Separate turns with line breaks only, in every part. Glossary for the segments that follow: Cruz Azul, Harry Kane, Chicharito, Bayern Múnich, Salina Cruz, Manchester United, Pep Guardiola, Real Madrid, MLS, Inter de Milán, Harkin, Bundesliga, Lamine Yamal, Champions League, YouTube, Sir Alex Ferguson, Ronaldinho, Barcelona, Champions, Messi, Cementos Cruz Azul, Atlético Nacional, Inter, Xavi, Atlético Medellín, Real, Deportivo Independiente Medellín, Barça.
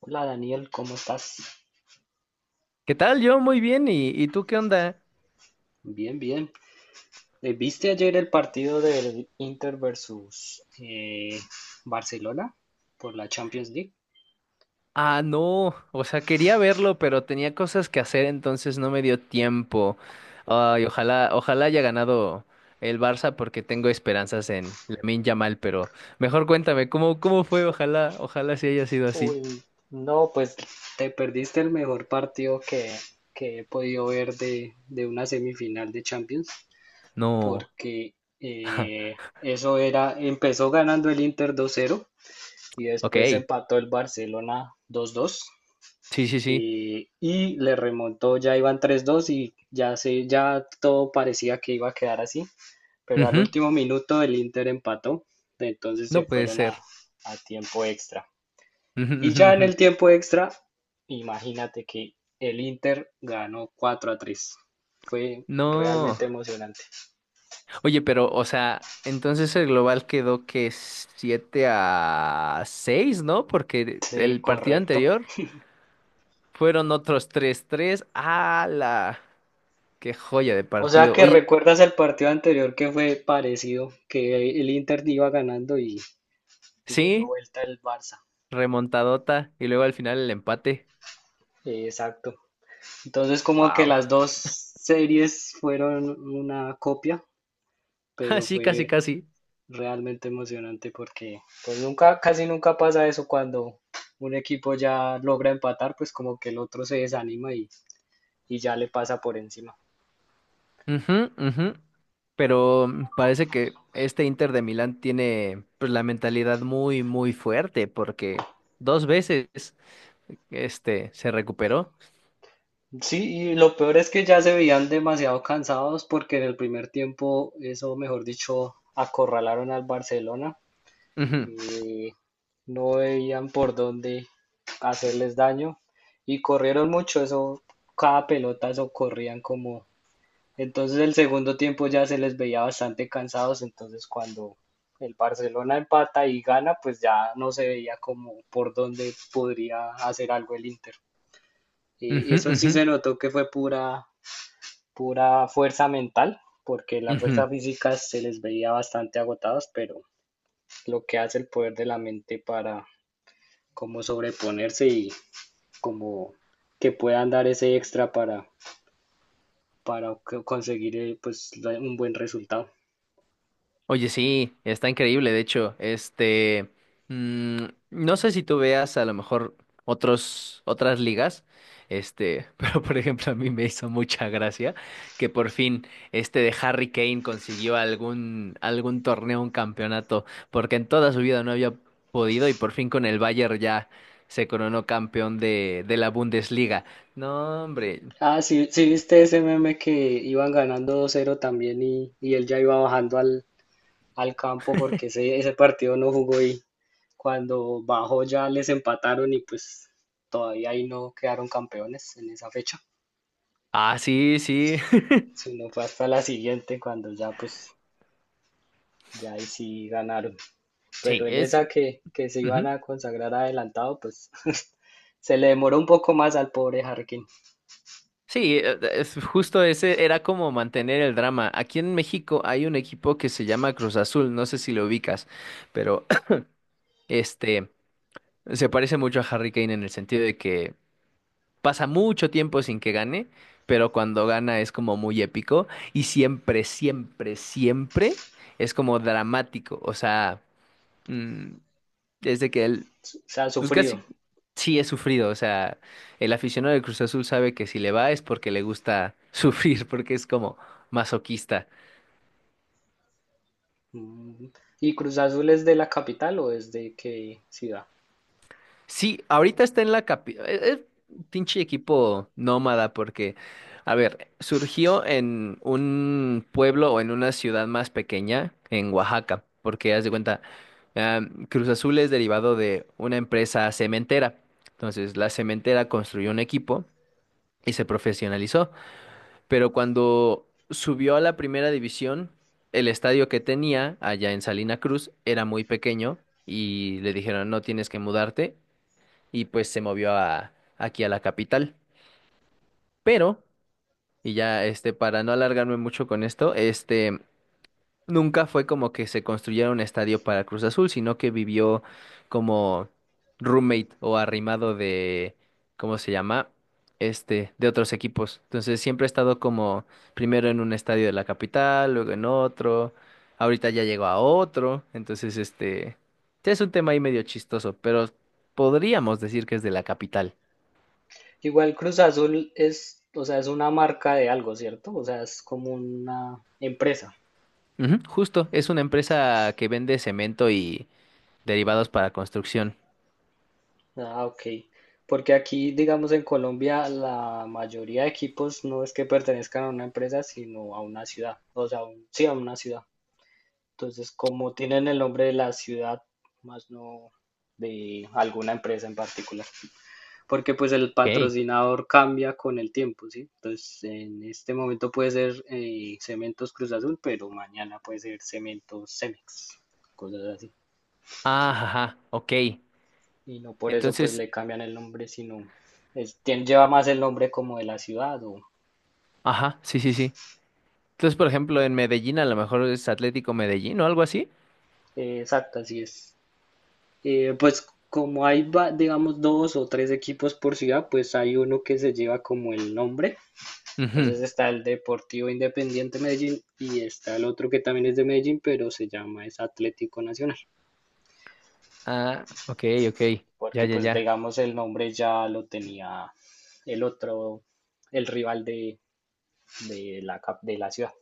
Hola Daniel, ¿cómo estás?
¿Qué tal? Yo muy bien. ¿Y tú qué onda?
Bien, bien. ¿Viste ayer el partido del Inter versus Barcelona por la Champions League?
Ah, no. O sea, quería verlo, pero tenía cosas que hacer, entonces no me dio tiempo. Ay, ojalá, ojalá haya ganado el Barça porque tengo esperanzas en Lamine Yamal, pero mejor cuéntame, ¿cómo fue? Ojalá, ojalá sí haya sido así.
Uy, no, pues te perdiste el mejor partido que he podido ver de una semifinal de Champions,
No.
porque eso era, empezó ganando el Inter 2-0 y después
Ok.
empató el Barcelona 2-2,
Sí, sí, sí.
y le remontó, ya iban 3-2 y ya, se, ya todo parecía que iba a quedar así, pero al
Ujú.
último minuto el Inter empató, entonces se
No puede
fueron
ser.
a tiempo extra.
Ujú,
Y
ujú,
ya en
ujú.
el tiempo extra, imagínate que el Inter ganó 4-3. Fue
No.
realmente emocionante.
Oye, pero, o sea, entonces el global quedó que 7-6, ¿no? Porque
Sí,
el partido
correcto.
anterior fueron otros tres. 3 ¡Hala! ¡Qué joya de
O sea
partido!
que
Oye,
recuerdas el partido anterior que fue parecido, que el Inter iba ganando y lo dio
sí,
vuelta el Barça.
remontadota. Y luego al final el empate.
Exacto. Entonces como que
¡Wow!
las dos series fueron una copia, pero
Así, casi,
fue
casi.
realmente emocionante porque pues nunca, casi nunca pasa eso cuando un equipo ya logra empatar, pues como que el otro se desanima y ya le pasa por encima.
Ujú, ujú. Pero parece que este Inter de Milán tiene, pues, la mentalidad muy, muy fuerte porque dos veces este se recuperó.
Sí, y lo peor es que ya se veían demasiado cansados porque en el primer tiempo, eso mejor dicho, acorralaron al Barcelona.
Ujú.
eh, no veían por dónde hacerles daño y corrieron mucho, eso, cada pelota, eso corrían como... Entonces el segundo tiempo ya se les veía bastante cansados, entonces cuando el Barcelona empata y gana, pues ya no se veía como por dónde podría hacer algo el Inter.
Ujú,
Eso sí
ujú,
se notó que fue pura, pura fuerza mental, porque la
ujú.
fuerza física se les veía bastante agotados, pero lo que hace el poder de la mente para como sobreponerse y como que puedan dar ese extra para conseguir pues un buen resultado.
Oye, sí, está increíble. De hecho, este, mm, no sé si tú veas a lo mejor otras ligas, este, pero por ejemplo a mí me hizo mucha gracia que por fin este de Harry Kane consiguió algún torneo, un campeonato, porque en toda su vida no había podido y por fin con el Bayern ya se coronó campeón de la Bundesliga. No, hombre.
Ah, sí, sí viste ese meme que iban ganando 2-0 también y él ya iba bajando al, al campo porque ese partido no jugó y cuando bajó ya les empataron y pues todavía ahí no quedaron campeones en esa fecha,
Ah, sí, sí.
sino fue hasta la siguiente cuando ya pues ya ahí sí ganaron.
Sí,
Pero en
es.
esa que se iban
Ujú.
a consagrar adelantado, pues se le demoró un poco más al pobre Harkin.
Sí, es justo ese era como mantener el drama. Aquí en México hay un equipo que se llama Cruz Azul, no sé si lo ubicas, pero este se parece mucho a Harry Kane en el sentido de que pasa mucho tiempo sin que gane, pero cuando gana es como muy épico y siempre, siempre, siempre es como dramático. O sea, mm, es de que él
Se ha
pues
sufrido.
casi sí he sufrido, o sea, el aficionado del Cruz Azul sabe que si le va es porque le gusta sufrir, porque es como masoquista.
Mm. ¿Y Cruz Azul es de la capital o es de qué ciudad?
Sí, ahorita está en la capi, es pinche equipo nómada porque, a ver, surgió en un pueblo o en una ciudad más pequeña, en Oaxaca, porque haz de cuenta, ah, Cruz Azul es derivado de una empresa cementera. Entonces, la cementera construyó un equipo y se profesionalizó. Pero cuando subió a la primera división, el estadio que tenía allá en Salina Cruz era muy pequeño y le dijeron, no tienes que mudarte, y pues se movió aquí a la capital. Pero, y ya este, para no alargarme mucho con esto, este, nunca fue como que se construyera un estadio para Cruz Azul, sino que vivió como roommate o arrimado de, ¿cómo se llama? Este, de otros equipos. Entonces siempre ha estado como primero en un estadio de la capital, luego en otro, ahorita ya llegó a otro, entonces este, sí es un tema ahí medio chistoso, pero podríamos decir que es de la capital.
Igual Cruz Azul es, o sea, es una marca de algo, ¿cierto? O sea, es como una empresa.
Ujú, justo, es una empresa que vende cemento y derivados para construcción.
Ah, ok. Porque aquí, digamos, en Colombia, la mayoría de equipos no es que pertenezcan a una empresa, sino a una ciudad. O sea, sí, a una ciudad. Entonces, como tienen el nombre de la ciudad, más no de alguna empresa en particular, porque pues el
Ok.
patrocinador cambia con el tiempo, ¿sí? Entonces, en este momento puede ser Cementos Cruz Azul, pero mañana puede ser Cementos Cemex, cosas así.
Ah, ajá, ok.
Y no por eso pues
Entonces,
le cambian el nombre, sino es, lleva más el nombre como de la ciudad o
ajá, sí, sí, sí. Entonces, por ejemplo, en Medellín a lo mejor es Atlético Medellín o algo así.
exacto, así es. Pues como hay, digamos, dos o tres equipos por ciudad, pues hay uno que se lleva como el nombre.
Ujú.
Entonces está el Deportivo Independiente Medellín y está el otro que también es de Medellín, pero se llama es Atlético Nacional,
Ah, ok, ok. Ya,
porque
ya,
pues
ya.
digamos el nombre ya lo tenía el otro, el rival de la ciudad.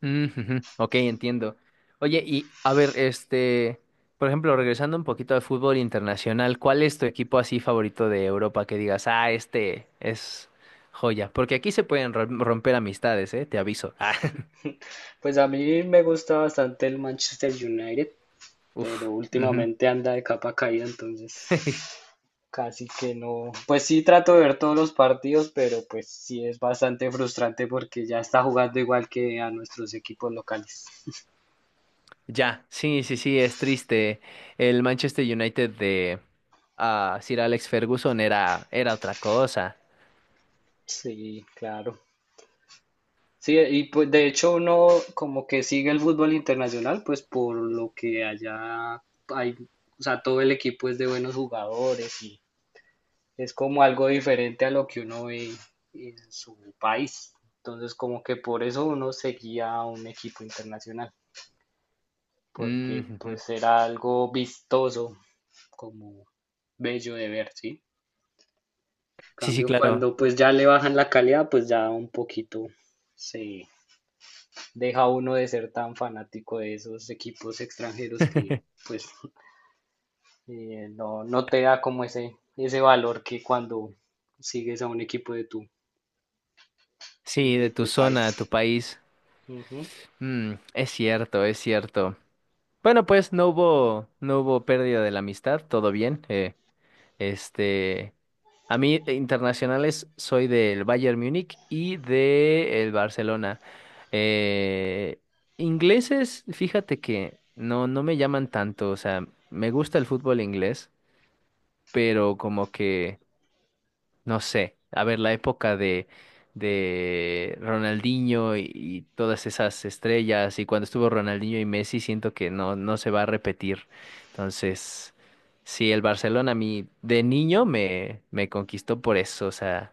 Mm, ujú. Ok, entiendo. Oye, y a ver, este, por ejemplo, regresando un poquito al fútbol internacional, ¿cuál es tu equipo así favorito de Europa que digas, ah, este es joya? Porque aquí se pueden romper amistades, ¿eh? Te aviso. Ah,
Pues a mí me gusta bastante el Manchester United, pero
uf. Ujú.
últimamente anda de capa caída, entonces casi que no. Pues sí trato de ver todos los partidos, pero pues sí es bastante frustrante porque ya está jugando igual que a nuestros equipos locales.
Ya, sí, sí, sí, es triste. El Manchester United de Sir Alex Ferguson era otra cosa.
Sí, claro. Sí, y pues de hecho uno como que sigue el fútbol internacional, pues por lo que allá hay, o sea, todo el equipo es de buenos jugadores y es como algo diferente a lo que uno ve en su país. Entonces como que por eso uno seguía a un equipo internacional,
Mm,
porque
ujú.
pues era algo vistoso, como bello de ver, ¿sí? En
Sí, sí,
cambio,
claro.
cuando pues ya le bajan la calidad, pues ya un poquito se deja a uno de ser tan fanático de esos equipos extranjeros que pues no te da como ese valor que cuando sigues a un equipo
Sí,
de
de tu
tu país.
zona, tu país.
Ujú.
Es cierto, es cierto. Bueno, pues no hubo pérdida de la amistad, todo bien. Este, a mí de internacionales soy del Bayern Múnich y del Barcelona. Eh, ingleses, fíjate que no me llaman tanto, o sea, me gusta el fútbol inglés, pero como que no sé, a ver, la época de Ronaldinho y todas esas estrellas, y cuando estuvo Ronaldinho y Messi, siento que no se va a repetir. Entonces, sí, el Barcelona a mí de niño me conquistó por eso, o sea,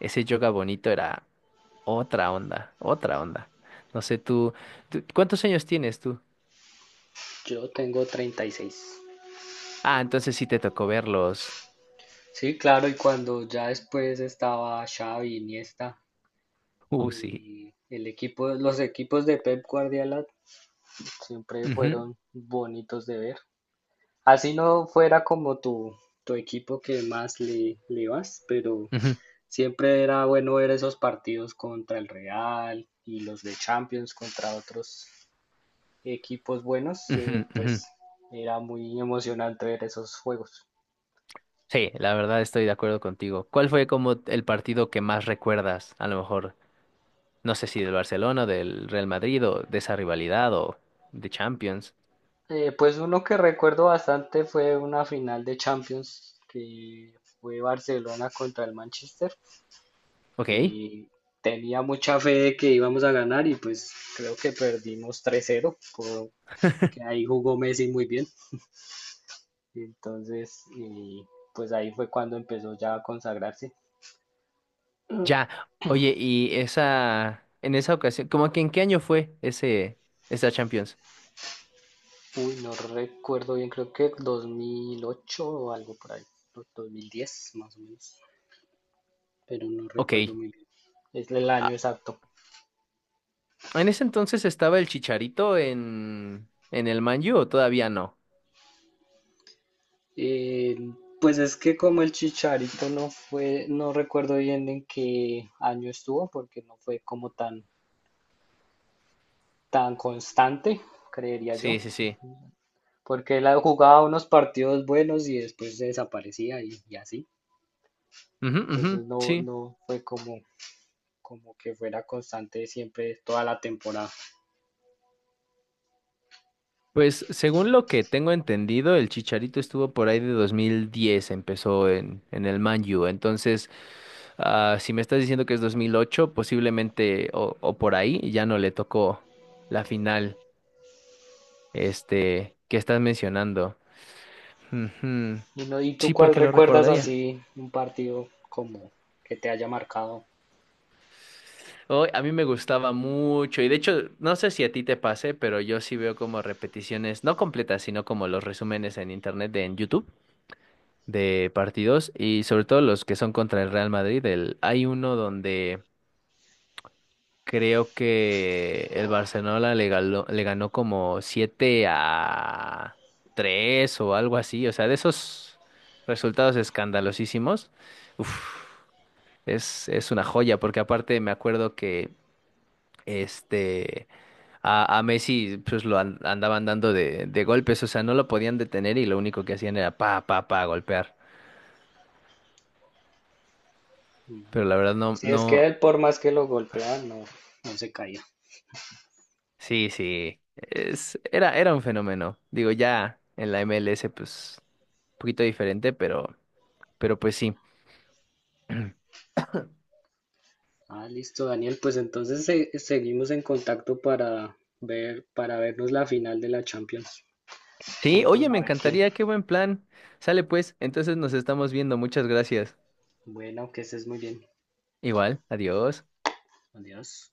ese yoga bonito era otra onda, otra onda. No sé, ¿cuántos años tienes tú?
Yo tengo 36.
Ah, entonces sí te tocó verlos.
Sí, claro, y cuando ya después estaba Xavi, Iniesta,
Sí.
y el equipo, los equipos de Pep Guardiola siempre
Ujú,
fueron bonitos de ver. Así no fuera como tu equipo que más le, le vas, pero
ujú,
siempre era bueno ver esos partidos contra el Real y los de Champions contra otros equipos buenos,
ujú, ujú.
pues era muy emocionante ver esos juegos.
Sí, la verdad estoy de acuerdo contigo. ¿Cuál fue como el partido que más recuerdas? A lo mejor, no sé si del Barcelona, del Real Madrid o de esa rivalidad o de Champions.
Pues uno que recuerdo bastante fue una final de Champions que fue Barcelona contra el Manchester
Ok,
y tenía mucha fe de que íbamos a ganar y pues creo que perdimos 3-0 que ahí jugó Messi muy bien. Entonces, pues ahí fue cuando empezó ya a consagrarse.
ya. Oye, y en esa ocasión, ¿cómo que en qué año fue ese, esa Champions?
Uy, no recuerdo bien, creo que 2008 o algo por ahí, o 2010 más o menos, pero no
Ok.
recuerdo muy bien. Es el año
ah,
exacto.
¿En ese entonces estaba el Chicharito en el Man U o todavía no?
Eh, pues es que como el Chicharito no fue, no recuerdo bien en qué año estuvo, porque no fue como tan, tan constante, creería yo,
Sí, sí, sí.
porque él jugaba unos partidos buenos y después se desaparecía y así.
Ujú, ujú,
Entonces no,
sí.
no fue como como que fuera constante siempre toda la temporada.
Pues según lo que tengo entendido, el Chicharito estuvo por ahí de 2010. Empezó en el Man U. Entonces, si me estás diciendo que es 2008, posiblemente o por ahí ya no le tocó la final este, que estás mencionando. Ujú.
¿Y, no, ¿y tú
Sí,
cuál
porque lo
recuerdas
recordaría.
así un partido como que te haya marcado?
Oh, a mí me gustaba mucho y de hecho, no sé si a ti te pase, pero yo sí veo como repeticiones, no completas, sino como los resúmenes en internet de en YouTube. De partidos y sobre todo los que son contra el Real Madrid. Hay uno donde creo que el Barcelona le ganó como 7-3 o algo así. O sea, de esos resultados escandalosísimos, uf, es una joya porque aparte me acuerdo que este. A Messi pues lo andaban dando de golpes, o sea, no lo podían detener y lo único que hacían era pa, pa, pa, golpear. Pero
Ujú.
la verdad no,
Si es
no.
que él por más que lo golpean no, no se caía.
Sí, sí. Era un fenómeno. Digo, ya en la MLS, pues, un poquito diferente, pero, pues sí.
Ah, listo, Daniel. Pues entonces seguimos en contacto para ver, para vernos la final de la Champions.
Sí,
Juntos
oye, me
a ver quién.
encantaría, qué buen plan. Sale pues, entonces nos estamos viendo. Muchas gracias.
Bueno, que estés muy bien.
Igual, adiós.
Adiós.